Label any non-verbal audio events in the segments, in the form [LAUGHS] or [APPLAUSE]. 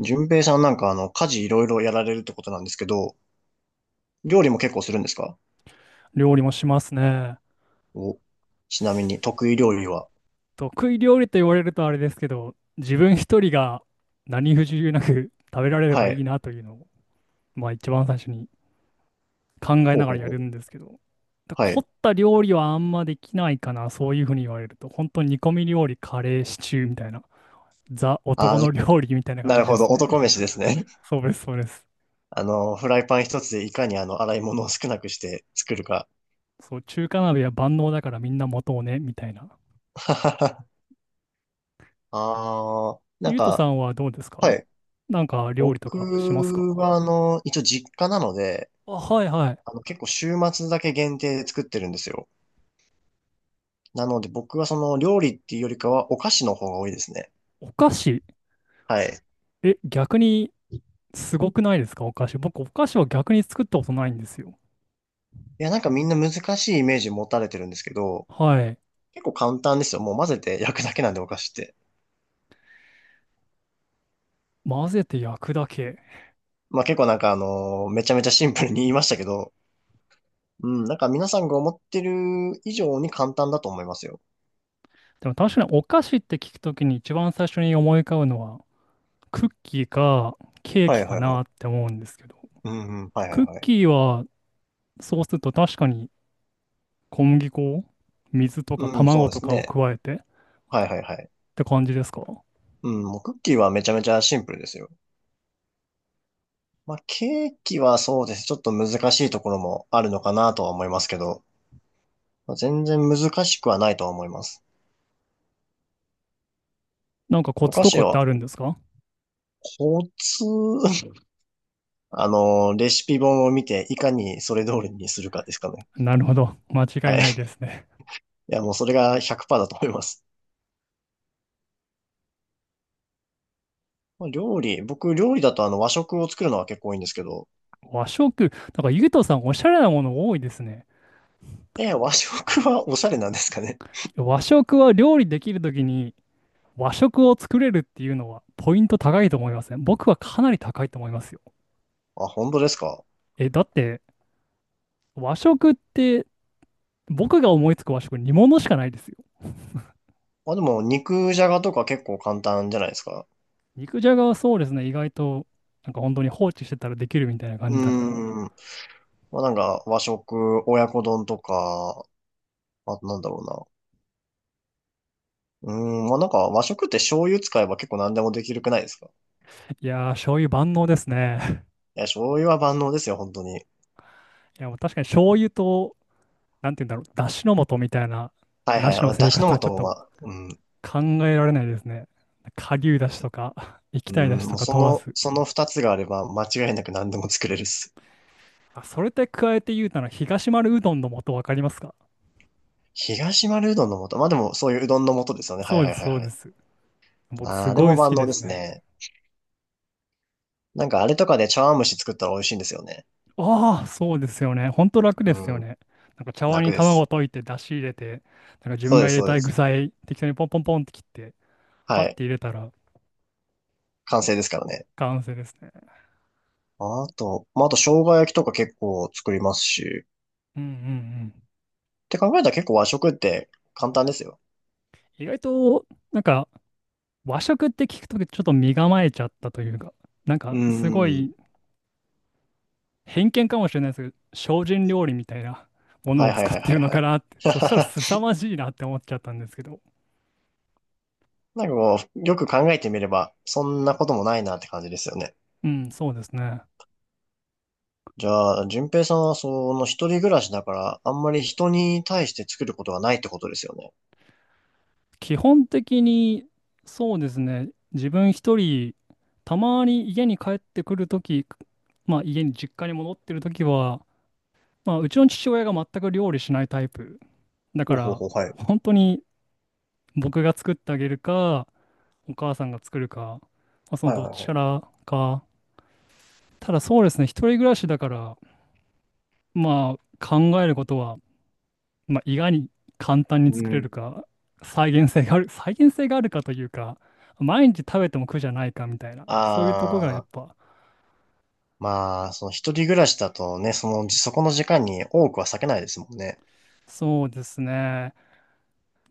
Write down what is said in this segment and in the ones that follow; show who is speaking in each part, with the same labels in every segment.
Speaker 1: 順平さんなんか家事いろいろやられるってことなんですけど、料理も結構するんですか？
Speaker 2: 料理もしますね。
Speaker 1: お、ちなみに得意料理は？
Speaker 2: 得意料理と言われるとあれですけど、自分一人が何不自由なく食べられれば
Speaker 1: は
Speaker 2: いい
Speaker 1: い。
Speaker 2: なというのを、まあ一番最初に考え
Speaker 1: ほう
Speaker 2: なが
Speaker 1: ほ
Speaker 2: ら
Speaker 1: う
Speaker 2: や
Speaker 1: ほ
Speaker 2: る
Speaker 1: う。
Speaker 2: んですけど、だ
Speaker 1: は
Speaker 2: 凝
Speaker 1: い。
Speaker 2: った料理はあんまできないかな、そういうふうに言われると、本当に煮込み料理、カレー、シチューみたいな、ザ
Speaker 1: ああ、
Speaker 2: 男
Speaker 1: じゃ、
Speaker 2: の料理みたいな感
Speaker 1: なる
Speaker 2: じで
Speaker 1: ほど。
Speaker 2: すね。
Speaker 1: 男飯ですね。[LAUGHS]
Speaker 2: そうです、そうです。
Speaker 1: フライパン一つでいかに洗い物を少なくして作るか。
Speaker 2: そう、中華鍋は万能だからみんな持とうね、みたいな。
Speaker 1: [LAUGHS] ああ、なん
Speaker 2: ゆうとさ
Speaker 1: か、
Speaker 2: んはどうです
Speaker 1: は
Speaker 2: か？
Speaker 1: い。
Speaker 2: なんか料理と
Speaker 1: 僕
Speaker 2: かしますか？
Speaker 1: は一応実家なので、
Speaker 2: あ、はいはい。
Speaker 1: 結構週末だけ限定で作ってるんですよ。なので僕はその料理っていうよりかはお菓子の方が多いですね。
Speaker 2: お菓子。
Speaker 1: はい。
Speaker 2: え、逆にすごくないですか、お菓子。僕、お菓子は逆に作ったことないんですよ。
Speaker 1: いや、なんかみんな難しいイメージ持たれてるんですけど、
Speaker 2: はい。
Speaker 1: 結構簡単ですよ。もう混ぜて焼くだけなんでお菓子って。
Speaker 2: 混ぜて焼くだけ。
Speaker 1: まあ結構なんかめちゃめちゃシンプルに言いましたけど、うん、なんか皆さんが思ってる以上に簡単だと思いますよ。
Speaker 2: でも確かにお菓子って聞くときに一番最初に思い浮かぶのは、クッキーかケー
Speaker 1: はい
Speaker 2: キか
Speaker 1: はいはい。
Speaker 2: なって思うんですけど、
Speaker 1: うんうん、はいはい
Speaker 2: クッ
Speaker 1: はい。
Speaker 2: キーはそうすると確かに小麦粉、水とか
Speaker 1: うん、そう
Speaker 2: 卵
Speaker 1: で
Speaker 2: と
Speaker 1: す
Speaker 2: かを
Speaker 1: ね。
Speaker 2: 加えてっ
Speaker 1: はいはいはい。
Speaker 2: て感じですか？
Speaker 1: うん、もうクッキーはめちゃめちゃシンプルですよ。まあケーキはそうです。ちょっと難しいところもあるのかなとは思いますけど、まあ全然難しくはないとは思います。
Speaker 2: なんかコ
Speaker 1: お
Speaker 2: ツ
Speaker 1: 菓
Speaker 2: と
Speaker 1: 子
Speaker 2: かって
Speaker 1: は
Speaker 2: あるんですか？
Speaker 1: コツ、レシピ本を見て、いかにそれ通りにするかですかね。
Speaker 2: なるほど。間違
Speaker 1: は
Speaker 2: い
Speaker 1: い。
Speaker 2: ないで
Speaker 1: い
Speaker 2: すね。
Speaker 1: や、もうそれが100%だと思います。まあ料理、僕、料理だと和食を作るのは結構多いんですけど、
Speaker 2: 和食、なんかゆうとさんおしゃれなもの多いですね。
Speaker 1: え、和食はおしゃれなんですかね。
Speaker 2: 和食は料理できるときに和食を作れるっていうのはポイント高いと思いません？僕はかなり高いと思いますよ。
Speaker 1: あ、本当ですか。
Speaker 2: え、だって和食って僕が思いつく和食煮物しかないですよ。
Speaker 1: まあでも、肉じゃがとか結構簡単じゃないですか。
Speaker 2: 肉じゃがはそうですね、意外と本当に放置してたらできるみたいな感
Speaker 1: う
Speaker 2: じだから。
Speaker 1: ーん。まあなんか、和食、親子丼とか、あとなんだろうな。うーん、まあなんか、和食って醤油使えば結構何でもできるくないですか？
Speaker 2: いやー、醤油万能ですね。
Speaker 1: いや、醤油は万能ですよ、本当に。
Speaker 2: [LAUGHS] いや、もう確かに醤油と、なんて言うんだろう、だしの素みたいな、
Speaker 1: はい
Speaker 2: な
Speaker 1: はい。
Speaker 2: し
Speaker 1: ま
Speaker 2: の
Speaker 1: あ、だ
Speaker 2: 生
Speaker 1: し
Speaker 2: 活は
Speaker 1: の
Speaker 2: ち
Speaker 1: 素
Speaker 2: ょっ
Speaker 1: もま
Speaker 2: と
Speaker 1: あ、うん。
Speaker 2: 考えられないですね。顆粒だしとか、液
Speaker 1: う
Speaker 2: 体
Speaker 1: ん、
Speaker 2: だし
Speaker 1: も
Speaker 2: と
Speaker 1: う
Speaker 2: か
Speaker 1: そ
Speaker 2: 問わ
Speaker 1: の、
Speaker 2: ず。
Speaker 1: その二つがあれば間違いなく何でも作れるっす。
Speaker 2: あ、それって加えて言うたら、東丸うどんの素わかりますか？
Speaker 1: 東丸うどんの素。まあでもそういううどんの素ですよね。はい
Speaker 2: そ
Speaker 1: は
Speaker 2: う
Speaker 1: い
Speaker 2: です、
Speaker 1: はい
Speaker 2: そう
Speaker 1: は
Speaker 2: で
Speaker 1: い。
Speaker 2: す。僕、
Speaker 1: あ
Speaker 2: す
Speaker 1: あ、で
Speaker 2: ご
Speaker 1: も
Speaker 2: い好
Speaker 1: 万
Speaker 2: き
Speaker 1: 能
Speaker 2: で
Speaker 1: で
Speaker 2: す
Speaker 1: す
Speaker 2: ね。
Speaker 1: ね。なんかあれとかで茶碗蒸し作ったら美味しいんですよね。
Speaker 2: ああ、そうですよね。ほんと楽ですよ
Speaker 1: うん。
Speaker 2: ね。なんか茶碗
Speaker 1: 楽
Speaker 2: に
Speaker 1: で
Speaker 2: 卵
Speaker 1: す。
Speaker 2: 溶いて、出汁入れて、なんか自分
Speaker 1: そう
Speaker 2: が
Speaker 1: で
Speaker 2: 入
Speaker 1: す、
Speaker 2: れ
Speaker 1: そう
Speaker 2: た
Speaker 1: で
Speaker 2: い具
Speaker 1: す。
Speaker 2: 材、適当にポンポンポンって切って、
Speaker 1: は
Speaker 2: パッ
Speaker 1: い。
Speaker 2: て入れたら
Speaker 1: 完成ですからね。
Speaker 2: 完成ですね。
Speaker 1: あと、まああと生姜焼きとか結構作りますし。
Speaker 2: うんうんうん。
Speaker 1: って考えたら結構和食って簡単ですよ。
Speaker 2: 意外と、なんか和食って聞くとちょっと身構えちゃったというか、なん
Speaker 1: う
Speaker 2: かすご
Speaker 1: ん。
Speaker 2: い偏見かもしれないですけど、精進料理みたいなもの
Speaker 1: は
Speaker 2: を
Speaker 1: いはい
Speaker 2: 作っ
Speaker 1: はい
Speaker 2: て
Speaker 1: は
Speaker 2: る
Speaker 1: い
Speaker 2: の
Speaker 1: は
Speaker 2: か
Speaker 1: い。
Speaker 2: なって、[LAUGHS] そしたら凄まじいなって思っちゃったんですけど。
Speaker 1: [LAUGHS] なんかこう、よく考えてみれば、そんなこともないなって感じですよね。
Speaker 2: うん、そうですね。
Speaker 1: じゃあ、淳平さんはその一人暮らしだから、あんまり人に対して作ることがないってことですよね。
Speaker 2: 基本的に、そうですね。自分一人、たまに家に帰ってくるとき、まあ家に実家に戻ってるときは、まあうちの父親が全く料理しないタイプ。だ
Speaker 1: ほ
Speaker 2: か
Speaker 1: うほう
Speaker 2: ら、
Speaker 1: ほう、はい。
Speaker 2: 本当に僕が作ってあげるか、お母さんが作るか、まあ、その
Speaker 1: はい
Speaker 2: どっ
Speaker 1: はい
Speaker 2: ちか
Speaker 1: は
Speaker 2: らか。ただそうですね、一人暮らしだから、まあ、考えることは、まあ、意外に簡単に
Speaker 1: い。う
Speaker 2: 作れる
Speaker 1: ん。
Speaker 2: か、再現性がある、再現性があるかというか、毎日食べても苦じゃないかみたいな、そういうとこがやっ
Speaker 1: ああ、
Speaker 2: ぱ、
Speaker 1: まあ、その一人暮らしだとね、その、そこの時間に多くは避けないですもんね。
Speaker 2: そうですね。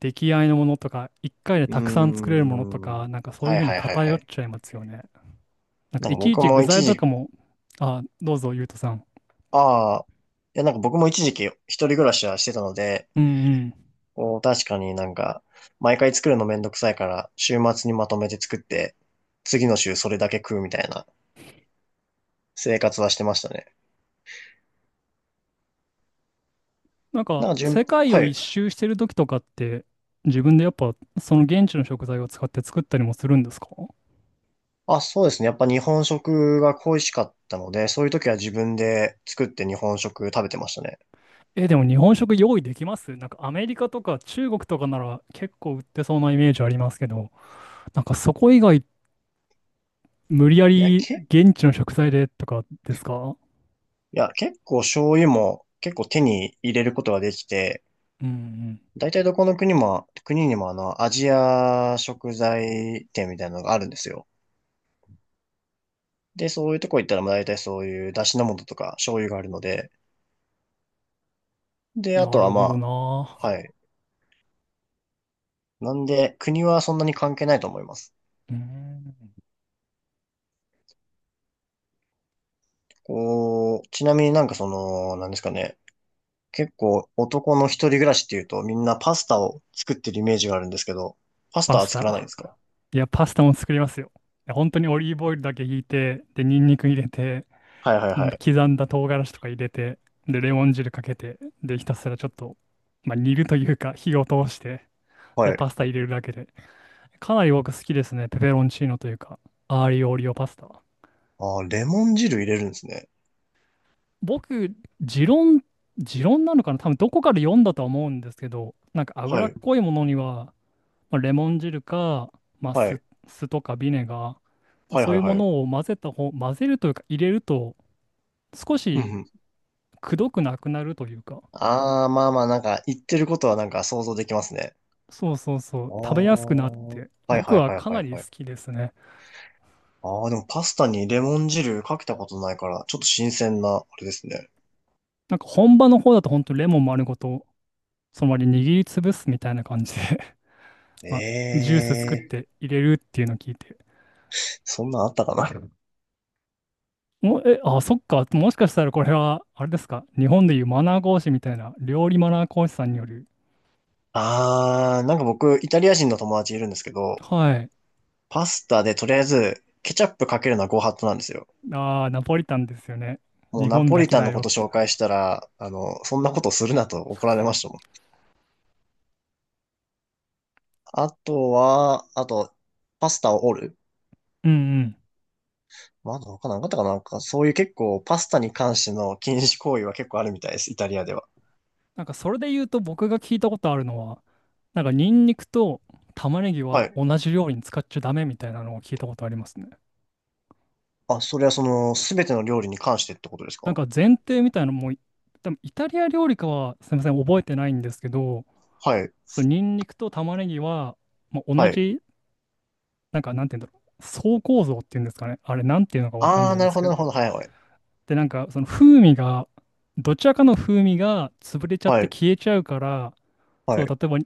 Speaker 2: 出来合いのものとか、一回で
Speaker 1: うー
Speaker 2: たくさん作れるものと
Speaker 1: ん。
Speaker 2: か、なんかそういう
Speaker 1: は
Speaker 2: ふ
Speaker 1: い
Speaker 2: うに
Speaker 1: はいはいは
Speaker 2: 偏っ
Speaker 1: い。
Speaker 2: ちゃいますよね。なんか
Speaker 1: なん
Speaker 2: い
Speaker 1: か
Speaker 2: ちい
Speaker 1: 僕
Speaker 2: ち
Speaker 1: も
Speaker 2: 具材
Speaker 1: 一
Speaker 2: と
Speaker 1: 時、
Speaker 2: かも、あ、どうぞ、ゆうとさん。
Speaker 1: ああ、いやなんか僕も一時期一人暮らしはしてたので、
Speaker 2: うんうん。
Speaker 1: こう確かになんか、毎回作るのめんどくさいから、週末にまとめて作って、次の週それだけ食うみたいな生活はしてましたね。
Speaker 2: なん
Speaker 1: な
Speaker 2: か、
Speaker 1: んか順、
Speaker 2: 世界
Speaker 1: は
Speaker 2: を一
Speaker 1: い。
Speaker 2: 周してる時とかって、自分でやっぱ、その現地の食材を使って作ったりもするんですか？
Speaker 1: あ、そうですね。やっぱ日本食が恋しかったので、そういう時は自分で作って日本食食べてましたね。
Speaker 2: え、でも日本食用意できます？なんかアメリカとか中国とかなら結構売ってそうなイメージありますけど、なんかそこ以外無理や
Speaker 1: いや、
Speaker 2: り現地の食材でとかですか？
Speaker 1: いや、結構醤油も結構手に入れることができて、
Speaker 2: うん
Speaker 1: 大体どこの国も、国にもアジア食材店みたいなのがあるんですよ。で、そういうとこ行ったら、まあ大体そういう出汁の素とか醤油があるので、
Speaker 2: う
Speaker 1: で、
Speaker 2: ん。
Speaker 1: あ
Speaker 2: な
Speaker 1: とは
Speaker 2: るほど
Speaker 1: ま
Speaker 2: な。
Speaker 1: あ、はい。なんで、国はそんなに関係ないと思います。
Speaker 2: うん。
Speaker 1: こう、ちなみになんかその、なんですかね。結構男の一人暮らしっていうとみんなパスタを作ってるイメージがあるんですけど、パス
Speaker 2: パ
Speaker 1: タは
Speaker 2: ス
Speaker 1: 作らないんで
Speaker 2: タ。
Speaker 1: すか？
Speaker 2: いや、パスタも作りますよ。いや本当にオリーブオイルだけひいて、で、ニンニク入れて、
Speaker 1: はいはい
Speaker 2: も
Speaker 1: は
Speaker 2: う
Speaker 1: い。
Speaker 2: 刻んだ唐辛子とか入れて、で、レモン汁かけて、で、ひたすらちょっと、まあ、煮るというか火を通して、
Speaker 1: は
Speaker 2: で、
Speaker 1: い。
Speaker 2: パスタ入れるだけで。かなり僕好きですね。ペペロンチーノというか、アーリオオリオパスタは。
Speaker 1: ああ、レモン汁入れるんですね。
Speaker 2: 僕、持論、持論なのかな、多分どこかで読んだとは思うんですけど、なんか
Speaker 1: は
Speaker 2: 脂っ
Speaker 1: い。
Speaker 2: こいものには、まあ、レモン汁か、まあ、
Speaker 1: は
Speaker 2: 酢、
Speaker 1: い。
Speaker 2: 酢とかビネガー、
Speaker 1: はい
Speaker 2: そ
Speaker 1: は
Speaker 2: う
Speaker 1: い
Speaker 2: いうも
Speaker 1: はい。
Speaker 2: のを混ぜた方、混ぜるというか入れると、少
Speaker 1: うん
Speaker 2: し
Speaker 1: うん。
Speaker 2: くどくなくなるというか、
Speaker 1: ああ、まあまあなんか言ってることはなんか想像できますね。
Speaker 2: そうそうそ
Speaker 1: あ
Speaker 2: う、
Speaker 1: あ。
Speaker 2: 食べやすくなって、
Speaker 1: はいはい
Speaker 2: 僕
Speaker 1: はい
Speaker 2: はか
Speaker 1: は
Speaker 2: な
Speaker 1: い
Speaker 2: り
Speaker 1: は
Speaker 2: 好
Speaker 1: い。
Speaker 2: きですね。
Speaker 1: ああ、でもパスタにレモン汁かけたことないから、ちょっと新鮮な、あれですね。
Speaker 2: なんか本場の方だと本当レモン丸ごと、そのまま握りつぶすみたいな感じで、まあ、ジュース作っ
Speaker 1: ええ、
Speaker 2: て入れるっていうのを聞いて、
Speaker 1: そんなんあったかな？
Speaker 2: もえ、あ、そっか、もしかしたらこれは、あれですか、日本でいうマナー講師みたいな、料理マナー講師さんによる、
Speaker 1: あー、なんか僕、イタリア人の友達いるんですけど、
Speaker 2: はい、
Speaker 1: パスタでとりあえず、ケチャップかけるのはご法度なんですよ。
Speaker 2: あー、ナポリタンですよね。
Speaker 1: も
Speaker 2: 日
Speaker 1: うナ
Speaker 2: 本
Speaker 1: ポ
Speaker 2: だ
Speaker 1: リ
Speaker 2: け
Speaker 1: タン
Speaker 2: だ
Speaker 1: のこ
Speaker 2: よっ
Speaker 1: と
Speaker 2: て。
Speaker 1: 紹介したら、そんなことするなと怒られましたもん。あとは、あと、パスタを折る。
Speaker 2: うんうん。
Speaker 1: まだ他なんかあったかな、なんか、そういう結構、パスタに関しての禁止行為は結構あるみたいです、イタリアでは。
Speaker 2: なんかそれで言うと僕が聞いたことあるのは、なんかニンニクと玉ねぎ
Speaker 1: は
Speaker 2: は
Speaker 1: い。
Speaker 2: 同じ料理に使っちゃダメみたいなのを聞いたことありますね。
Speaker 1: あ、それはその、すべての料理に関してってことです
Speaker 2: なん
Speaker 1: か？
Speaker 2: か前提みたいなのも、多分イタリア料理かはすみません、覚えてないんですけど、
Speaker 1: はい。
Speaker 2: そのニンニクと玉ねぎは、まあ、
Speaker 1: は
Speaker 2: 同
Speaker 1: い。
Speaker 2: じなんか、なんて言うんだろう。層構造っていうんですかね。あれ、なんていうのかわかん
Speaker 1: あ
Speaker 2: な
Speaker 1: ー、
Speaker 2: い
Speaker 1: な
Speaker 2: で
Speaker 1: る
Speaker 2: す
Speaker 1: ほ
Speaker 2: け
Speaker 1: ど、
Speaker 2: ど。
Speaker 1: なるほど。はい、はい。
Speaker 2: で、なんか、その風味が、どちらかの風味が潰れちゃっ
Speaker 1: は
Speaker 2: て
Speaker 1: い。
Speaker 2: 消えちゃうから、
Speaker 1: は
Speaker 2: そう、
Speaker 1: い。
Speaker 2: 例えば、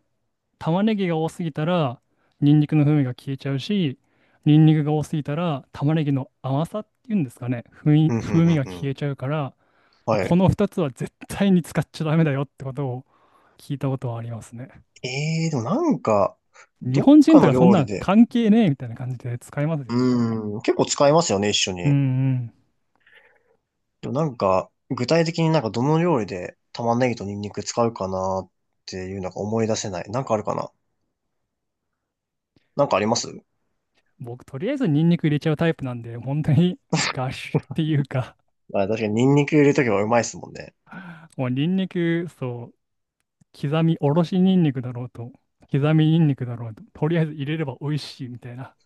Speaker 2: 玉ねぎが多すぎたら、ニンニクの風味が消えちゃうし、ニンニクが多すぎたら、玉ねぎの甘さっていうんですかね。風味、
Speaker 1: うん、う
Speaker 2: 風味
Speaker 1: ん、
Speaker 2: が
Speaker 1: うん、う
Speaker 2: 消え
Speaker 1: ん。
Speaker 2: ちゃうから、まあ
Speaker 1: は
Speaker 2: こ
Speaker 1: い。
Speaker 2: の2つは絶対に使っちゃダメだよってことを聞いたことはありますね。
Speaker 1: ええ、でもなんか、
Speaker 2: 日
Speaker 1: どっ
Speaker 2: 本人
Speaker 1: か
Speaker 2: と
Speaker 1: の
Speaker 2: かそん
Speaker 1: 料理
Speaker 2: な
Speaker 1: で、
Speaker 2: 関係ねえみたいな感じで使いますよね、でも。
Speaker 1: うーん、結構使いますよね、一緒
Speaker 2: うん
Speaker 1: に。
Speaker 2: うん。
Speaker 1: でもなんか、具体的になんかどの料理で玉ねぎとニンニク使うかなっていうのが思い出せない。なんかあるかな？なんかあります？
Speaker 2: 僕、とりあえずニンニク入れちゃうタイプなんで、本当に [LAUGHS] ガッシュっていうか、
Speaker 1: あ、確かにニンニク入れるときはうまいですもんね。
Speaker 2: もうニンニク、そう、刻みおろしニンニクだろうと、刻みニンニクだろうと、とりあえず入れれば美味しいみたいな。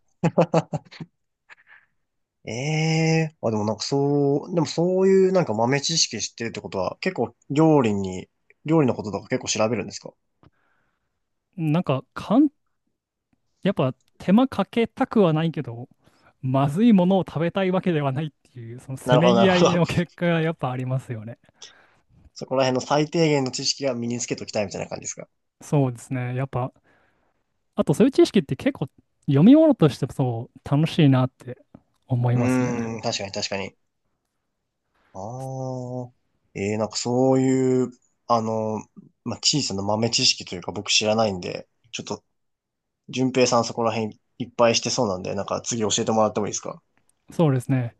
Speaker 1: ええ、あ、でもなんかそう、でもそういうなんか豆知識知ってるってことは、結構料理に、料理のこととか結構調べるんですか？
Speaker 2: なんか、かん、やっぱ手間かけたくはないけど、まずいものを食べたいわけではないっていう、その
Speaker 1: [LAUGHS] な
Speaker 2: せ
Speaker 1: るほ
Speaker 2: め
Speaker 1: ど、な
Speaker 2: ぎ
Speaker 1: る
Speaker 2: 合
Speaker 1: ほ
Speaker 2: い
Speaker 1: ど。
Speaker 2: の
Speaker 1: [LAUGHS]
Speaker 2: 結果がやっぱありますよね。
Speaker 1: そこら辺の最低限の知識は身につけときたいみたいな感じですか？
Speaker 2: そうですね。やっぱ、あとそういう知識って結構読み物としてそう楽しいなって思い
Speaker 1: う
Speaker 2: ますね。
Speaker 1: ーん、確かに確かに。ああ。えー、なんかそういう、あの、まあ、小さな豆知識というか僕知らないんで、ちょっと、順平さんそこら辺いっぱいしてそうなんで、なんか次教えてもらってもいいですか？
Speaker 2: そうですね。